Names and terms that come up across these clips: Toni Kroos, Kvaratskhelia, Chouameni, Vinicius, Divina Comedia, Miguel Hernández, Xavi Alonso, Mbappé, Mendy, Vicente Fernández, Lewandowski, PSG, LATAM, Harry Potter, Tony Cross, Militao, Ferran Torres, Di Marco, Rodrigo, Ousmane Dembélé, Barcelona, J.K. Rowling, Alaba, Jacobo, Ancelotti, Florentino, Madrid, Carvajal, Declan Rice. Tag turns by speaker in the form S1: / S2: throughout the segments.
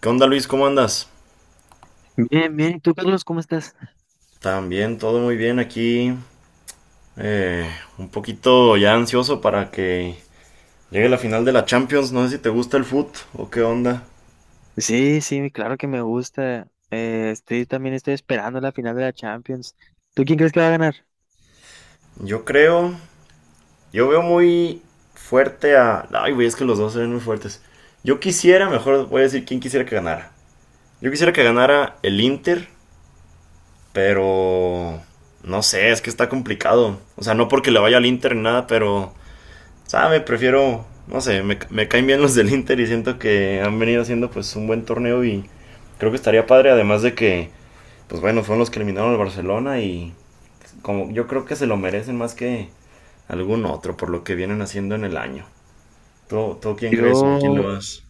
S1: ¿Qué onda, Luis? ¿Cómo andas?
S2: Bien, bien. ¿Y tú, Carlos, cómo estás?
S1: También todo muy bien aquí. eh, un poquito ya ansioso para que llegue la final de la Champions. No sé si te gusta el foot o qué onda.
S2: Sí, sí, claro que me gusta. Estoy también estoy esperando la final de la Champions. ¿Tú quién crees que va a ganar?
S1: Yo creo, yo veo muy fuerte a... Ay, güey, es que los dos se ven muy fuertes. Yo quisiera, mejor voy a decir quién quisiera que ganara. Yo quisiera que ganara el Inter, pero... No sé, es que está complicado. O sea, no porque le vaya al Inter ni nada, pero sabe, prefiero, no sé, me caen bien los del Inter y siento que han venido haciendo pues un buen torneo y creo que estaría padre, además de que, pues bueno, fueron los que eliminaron al Barcelona y como yo creo que se lo merecen más que algún otro por lo que vienen haciendo en el año. ¿Tú quién crees o a quién le
S2: Yo,
S1: vas?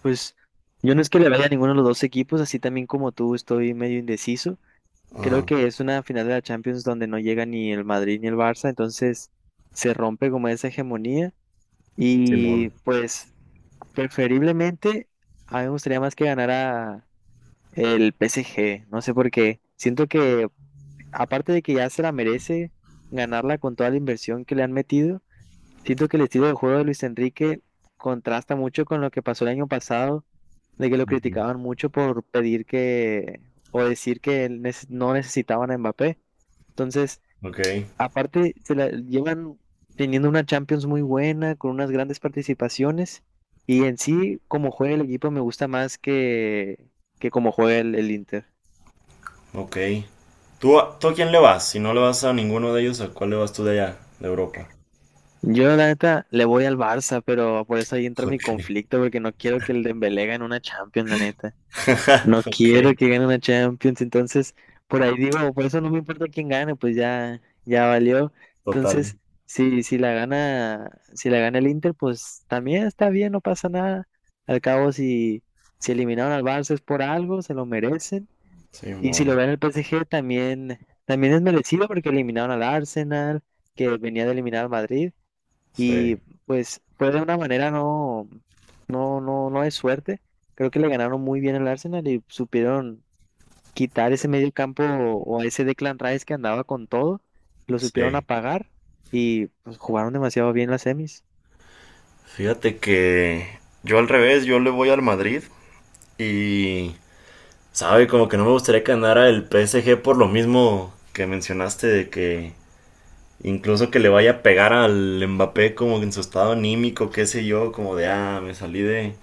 S2: pues, yo no es que le vaya a ninguno de los dos equipos, así también como tú estoy medio indeciso. Creo
S1: Ajá.
S2: que es una final de la Champions donde no llega ni el Madrid ni el Barça, entonces se rompe como esa hegemonía.
S1: Simón.
S2: Y pues, preferiblemente, a mí me gustaría más que ganara el PSG. No sé por qué. Siento que aparte de que ya se la merece ganarla con toda la inversión que le han metido, siento que el estilo de juego de Luis Enrique contrasta mucho con lo que pasó el año pasado, de que lo
S1: Ujú.
S2: criticaban mucho por pedir que o decir que no necesitaban a Mbappé. Entonces,
S1: Ok.
S2: aparte, se la llevan teniendo una Champions muy buena, con unas grandes participaciones, y en sí, como juega el equipo, me gusta más que, que como juega el Inter.
S1: Ok. ¿Tú a quién le vas? Si no le vas a ninguno de ellos, ¿a cuál le vas tú de allá, de Europa?
S2: Yo, la neta, le voy al Barça, pero por eso ahí entra mi
S1: Ok.
S2: conflicto, porque no quiero que el Dembélé gane una Champions, la neta. No quiero
S1: Ok,
S2: que gane una Champions, entonces, por ahí digo, por eso no me importa quién gane, pues ya, ya valió.
S1: total.
S2: Entonces, si, si la gana, si la gana el Inter, pues también está bien, no pasa nada. Al cabo, si eliminaron al Barça es por algo, se lo merecen. Y si lo
S1: Simón.
S2: gana el PSG, también, también es merecido porque eliminaron al Arsenal, que venía de eliminar al Madrid. Y
S1: Sí.
S2: pues fue de una manera no de suerte. Creo que le ganaron muy bien al Arsenal y supieron quitar ese medio campo o ese Declan Rice que andaba con todo. Lo supieron
S1: Sí.
S2: apagar y pues jugaron demasiado bien las semis.
S1: Fíjate que yo al revés, yo le voy al Madrid y, sabe, como que no me gustaría que ganara el PSG por lo mismo que mencionaste de que incluso que le vaya a pegar al Mbappé como en su estado anímico, qué sé yo, como de, ah, me salí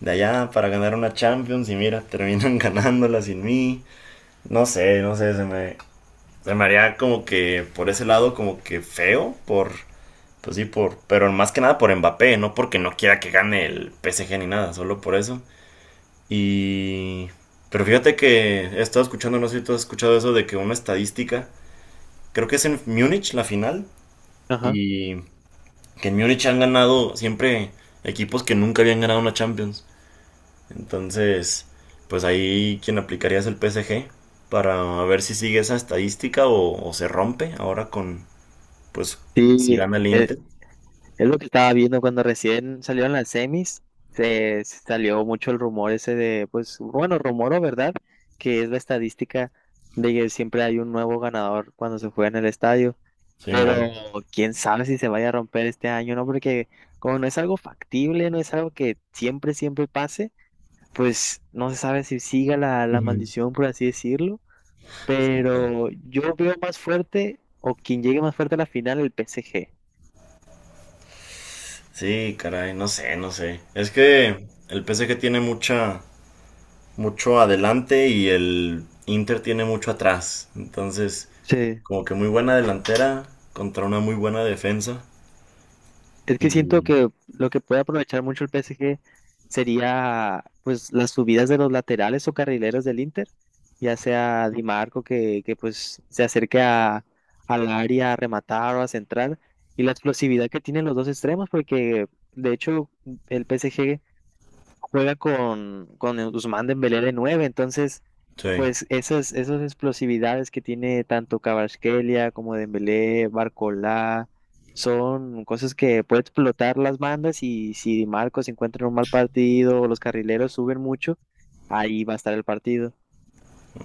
S1: de allá para ganar una Champions y mira, terminan ganándola sin mí. No sé, no sé, se me haría como que por ese lado como que feo por. Pues sí, por, pero más que nada por Mbappé, no porque no quiera que gane el PSG ni nada, solo por eso. Y... Pero fíjate que he estado escuchando, no sé si tú has escuchado eso, de que una estadística, creo que es en Múnich la final,
S2: Ajá.
S1: y que en Múnich han ganado siempre equipos que nunca habían ganado una Champions. Entonces, pues ahí quien aplicaría es el PSG para ver si sigue esa estadística o se rompe ahora con, pues, si
S2: Sí,
S1: gana el Inter.
S2: es lo que estaba viendo cuando recién salieron las semis. Se salió mucho el rumor ese de, pues, bueno, rumor o verdad, que es la estadística de que siempre hay un nuevo ganador cuando se juega en el estadio. Pero
S1: Simón.
S2: quién sabe si se vaya a romper este año, ¿no? Porque como no es algo factible, no es algo que siempre, siempre pase, pues no se sabe si siga la maldición, por así decirlo. Pero yo veo más fuerte, o quien llegue más fuerte a la final, el PSG.
S1: Sí, caray, no sé, no sé. Es que el PSG tiene mucha, mucho adelante y el Inter tiene mucho atrás. Entonces, como que muy buena delantera contra una muy buena defensa.
S2: Es que siento
S1: Y
S2: que lo que puede aprovechar mucho el PSG sería pues las subidas de los laterales o carrileros del Inter, ya sea Di Marco que pues se acerque al área a rematar o a centrar y la explosividad que tienen los dos extremos porque de hecho el PSG juega con el Ousmane Dembélé de 9, entonces,
S1: sí,
S2: pues esas explosividades que tiene tanto Kvaratskhelia como Dembélé, Barcola, son cosas que puede explotar las bandas y si Di Marcos encuentra un mal partido o los carrileros suben mucho, ahí va a estar el partido.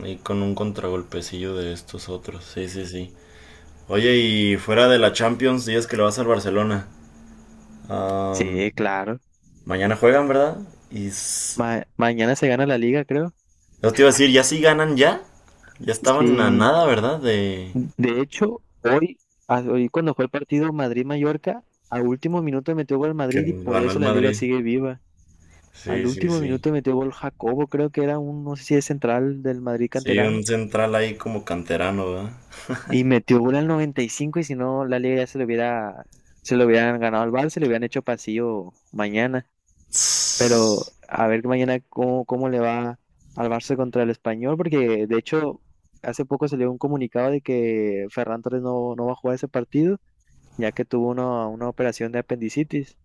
S1: y con un contragolpecillo de estos otros. Sí, sí, sí. Oye, y fuera de la Champions, días que le vas al Barcelona. Am,
S2: Sí, claro.
S1: Mañana juegan, ¿verdad? Y
S2: Mañana se gana la liga, creo.
S1: yo te iba a decir, ya sí ganan ya. Ya estaban a
S2: Sí,
S1: nada, ¿verdad? De
S2: de hecho, hoy, hoy cuando fue el partido Madrid-Mallorca, a último minuto metió gol el
S1: que
S2: Madrid y por
S1: ganó el
S2: eso la liga
S1: Madrid.
S2: sigue viva.
S1: Sí,
S2: Al
S1: sí,
S2: último
S1: sí.
S2: minuto metió gol Jacobo, creo que era un, no sé si es central del Madrid
S1: Sí, un
S2: canterano,
S1: central ahí como canterano, ¿verdad?
S2: y metió gol al 95 y cinco y si no la liga ya se lo hubiera, se lo hubieran ganado al Barça, se le hubieran hecho pasillo mañana.
S1: Tss.
S2: Pero a ver mañana cómo, cómo le va al Barça contra el Español, porque de hecho hace poco salió un comunicado de que Ferran Torres no va a jugar ese partido, ya que tuvo una operación de apendicitis.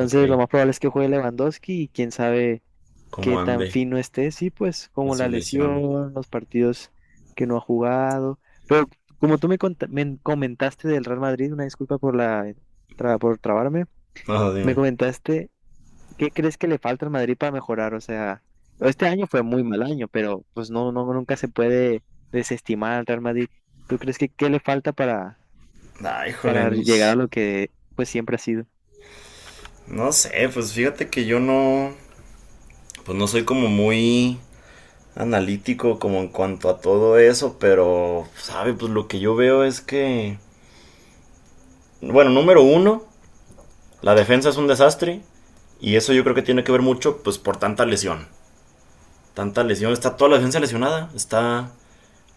S1: Ok,
S2: lo más probable es que juegue Lewandowski y quién sabe
S1: ¿cómo
S2: qué tan
S1: ande
S2: fino esté, sí, pues
S1: de
S2: como
S1: su
S2: la
S1: lesión?
S2: lesión, los partidos que no ha jugado. Pero como tú me comentaste del Real Madrid, una disculpa por la por trabarme,
S1: No,
S2: me
S1: dime.
S2: comentaste qué crees que le falta al Madrid para mejorar. O sea, este año fue muy mal año, pero pues nunca se puede desestimar al Real Madrid. ¿Tú crees que qué le falta para,
S1: Ay, híjole,
S2: para
S1: no,
S2: llegar a lo que pues siempre ha sido?
S1: no sé, pues fíjate que yo no, pues no soy como muy analítico como en cuanto a todo eso, pero, sabe, pues lo que yo veo es que, bueno, número uno, la defensa es un desastre y eso yo creo que tiene que ver mucho, pues por tanta lesión. Tanta lesión, está toda la defensa lesionada, está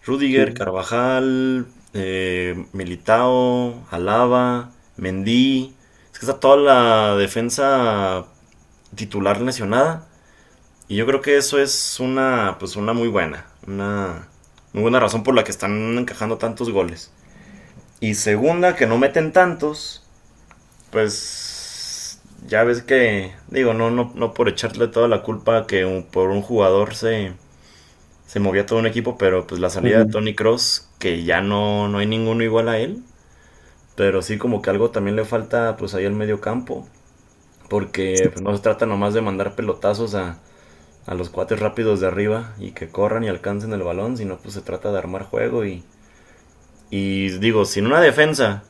S1: Rüdiger,
S2: Sí.
S1: Carvajal, Militao, Alaba, Mendy. Es que está toda la defensa titular lesionada. Y yo creo que eso es una, pues una muy buena. Una muy buena razón por la que están encajando tantos goles. Y segunda, que no meten tantos. Pues ya ves que, digo, no, no, no por echarle toda la culpa que por un jugador se movía todo un equipo, pero pues la salida de
S2: Ujú.
S1: Tony Cross, que ya no, no hay ninguno igual a él, pero sí como que algo también le falta pues ahí al medio campo, porque pues, no se trata nomás de mandar pelotazos a los cuates rápidos de arriba y que corran y alcancen el balón, sino pues se trata de armar juego y digo, sin una defensa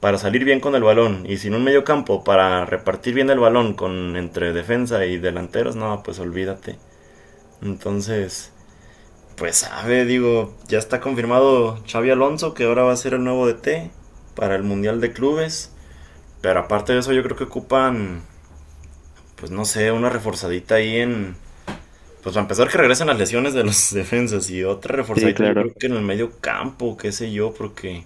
S1: para salir bien con el balón y sin un medio campo para repartir bien el balón con entre defensa y delanteros, no, pues olvídate. Entonces, pues sabe, digo, ya está confirmado Xavi Alonso que ahora va a ser el nuevo DT para el Mundial de Clubes. Pero aparte de eso, yo creo que ocupan, pues no sé, una reforzadita ahí en. Pues para empezar, que regresen las lesiones de los defensas y otra
S2: Sí,
S1: reforzadita, yo
S2: claro.
S1: creo que en el medio campo, qué sé yo, porque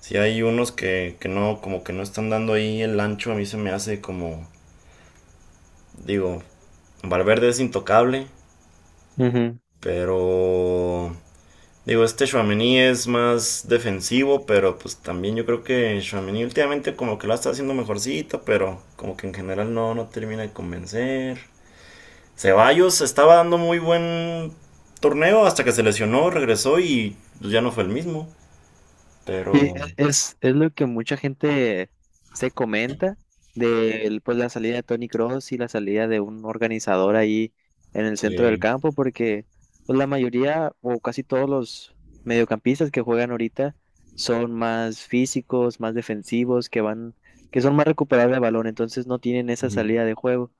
S1: si hay unos que no, como que no están dando ahí el ancho, a mí se me hace como, digo, Valverde es intocable,
S2: Ujú.
S1: pero digo, este Chouameni es más defensivo, pero pues también yo creo que Chouameni últimamente como que lo está haciendo mejorcito, pero como que en general no, no termina de convencer. Ceballos estaba dando muy buen torneo hasta que se lesionó, regresó y pues, ya no fue el mismo.
S2: Sí,
S1: Pero
S2: es lo que mucha gente se comenta pues, la salida de Tony Cross y la salida de un organizador ahí en el centro del
S1: sí,
S2: campo, porque pues, la mayoría o casi todos los mediocampistas que juegan ahorita son más físicos, más defensivos, que son más recuperables de balón, entonces no tienen esa
S1: ujú,
S2: salida de juego.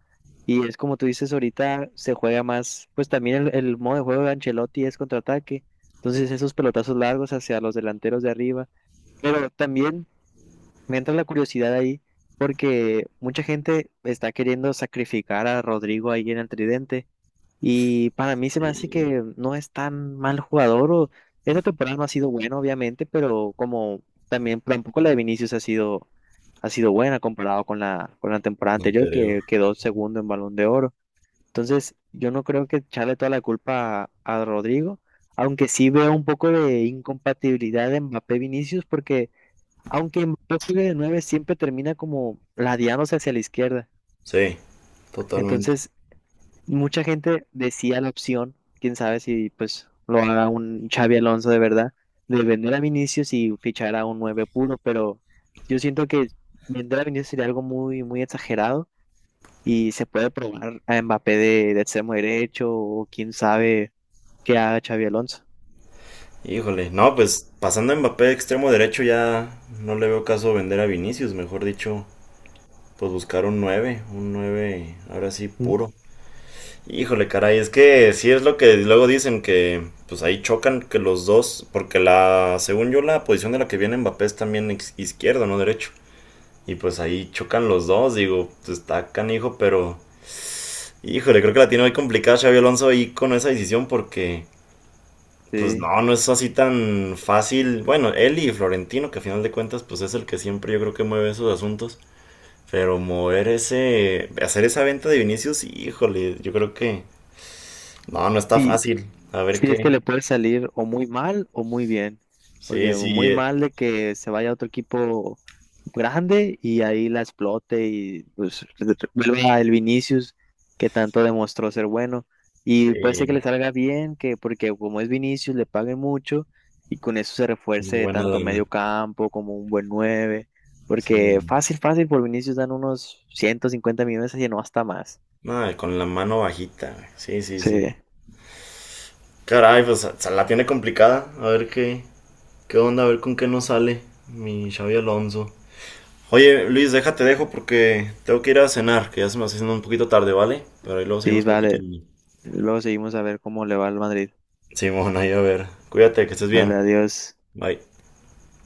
S2: Y es como tú dices, ahorita se juega más, pues también el modo de juego de Ancelotti es contraataque, entonces esos pelotazos largos hacia los delanteros de arriba pero también me entra la curiosidad ahí, porque mucha gente está queriendo sacrificar a Rodrigo ahí en el tridente, y para mí se me hace
S1: y
S2: que no es tan mal jugador, o esta temporada no ha sido buena, obviamente, pero como también tampoco la de Vinicius ha sido buena comparado con la, temporada anterior,
S1: anterior.
S2: que quedó segundo en Balón de Oro. Entonces, yo no creo que echarle toda la culpa a Rodrigo, aunque sí veo un poco de incompatibilidad de Mbappé-Vinicius, porque aunque Mbappé juegue de nueve, siempre termina como ladeándose hacia la izquierda.
S1: Sí, totalmente.
S2: Entonces, mucha gente decía la opción, quién sabe si pues lo haga un Xavi Alonso de verdad, de vender a Vinicius y fichar a un nueve puro, pero yo siento que vender a Vinicius sería algo muy, muy exagerado y se puede probar a Mbappé de extremo derecho o quién sabe qué haga Xavi Alonso.
S1: Híjole, no, pues pasando a Mbappé de extremo derecho ya no le veo caso vender a Vinicius, mejor dicho, pues buscar un 9 ahora sí,
S2: Mm.
S1: puro. Híjole, caray, es que sí es lo que luego dicen que pues ahí chocan que los dos, porque la, según yo, la posición de la que viene Mbappé es también izquierdo, no derecho. Y pues ahí chocan los dos, digo, pues está canijo, pero híjole, creo que la tiene muy complicada Xavi Alonso ahí con esa decisión porque pues
S2: Sí.
S1: no, no es así tan fácil. Bueno, él y Florentino, que a final de cuentas pues es el que siempre yo creo que mueve esos asuntos. Pero mover ese, hacer esa venta de Vinicius, híjole, yo creo que no, no está
S2: Y,
S1: fácil. A ver
S2: Sí, es que
S1: qué.
S2: le puede salir o muy mal o muy bien,
S1: Sí,
S2: porque
S1: sí,
S2: muy mal de que se vaya a otro equipo grande y ahí la explote y pues vuelva a el Vinicius que tanto demostró ser bueno y puede ser que le
S1: sí,
S2: salga bien, que porque como es Vinicius le paguen mucho y con eso se
S1: una
S2: refuerce
S1: buena
S2: tanto medio
S1: lana.
S2: campo como un buen 9
S1: Sí,
S2: porque
S1: mon.
S2: fácil, fácil por Vinicius dan unos 150 millones y no hasta más.
S1: No, con la mano bajita, güey. Sí, sí, sí.
S2: Sí,
S1: Caray, pues se la tiene complicada. A ver qué, qué onda, a ver con qué nos sale mi Xavi Alonso. Oye, Luis, déjate dejo porque tengo que ir a cenar, que ya se me está haciendo un poquito tarde, ¿vale? Pero ahí luego
S2: sí,
S1: seguimos
S2: vale.
S1: platicando.
S2: Luego seguimos a ver cómo le va al Madrid.
S1: Simón, ahí a ver. Cuídate, que estés
S2: Dale,
S1: bien.
S2: adiós.
S1: Bye.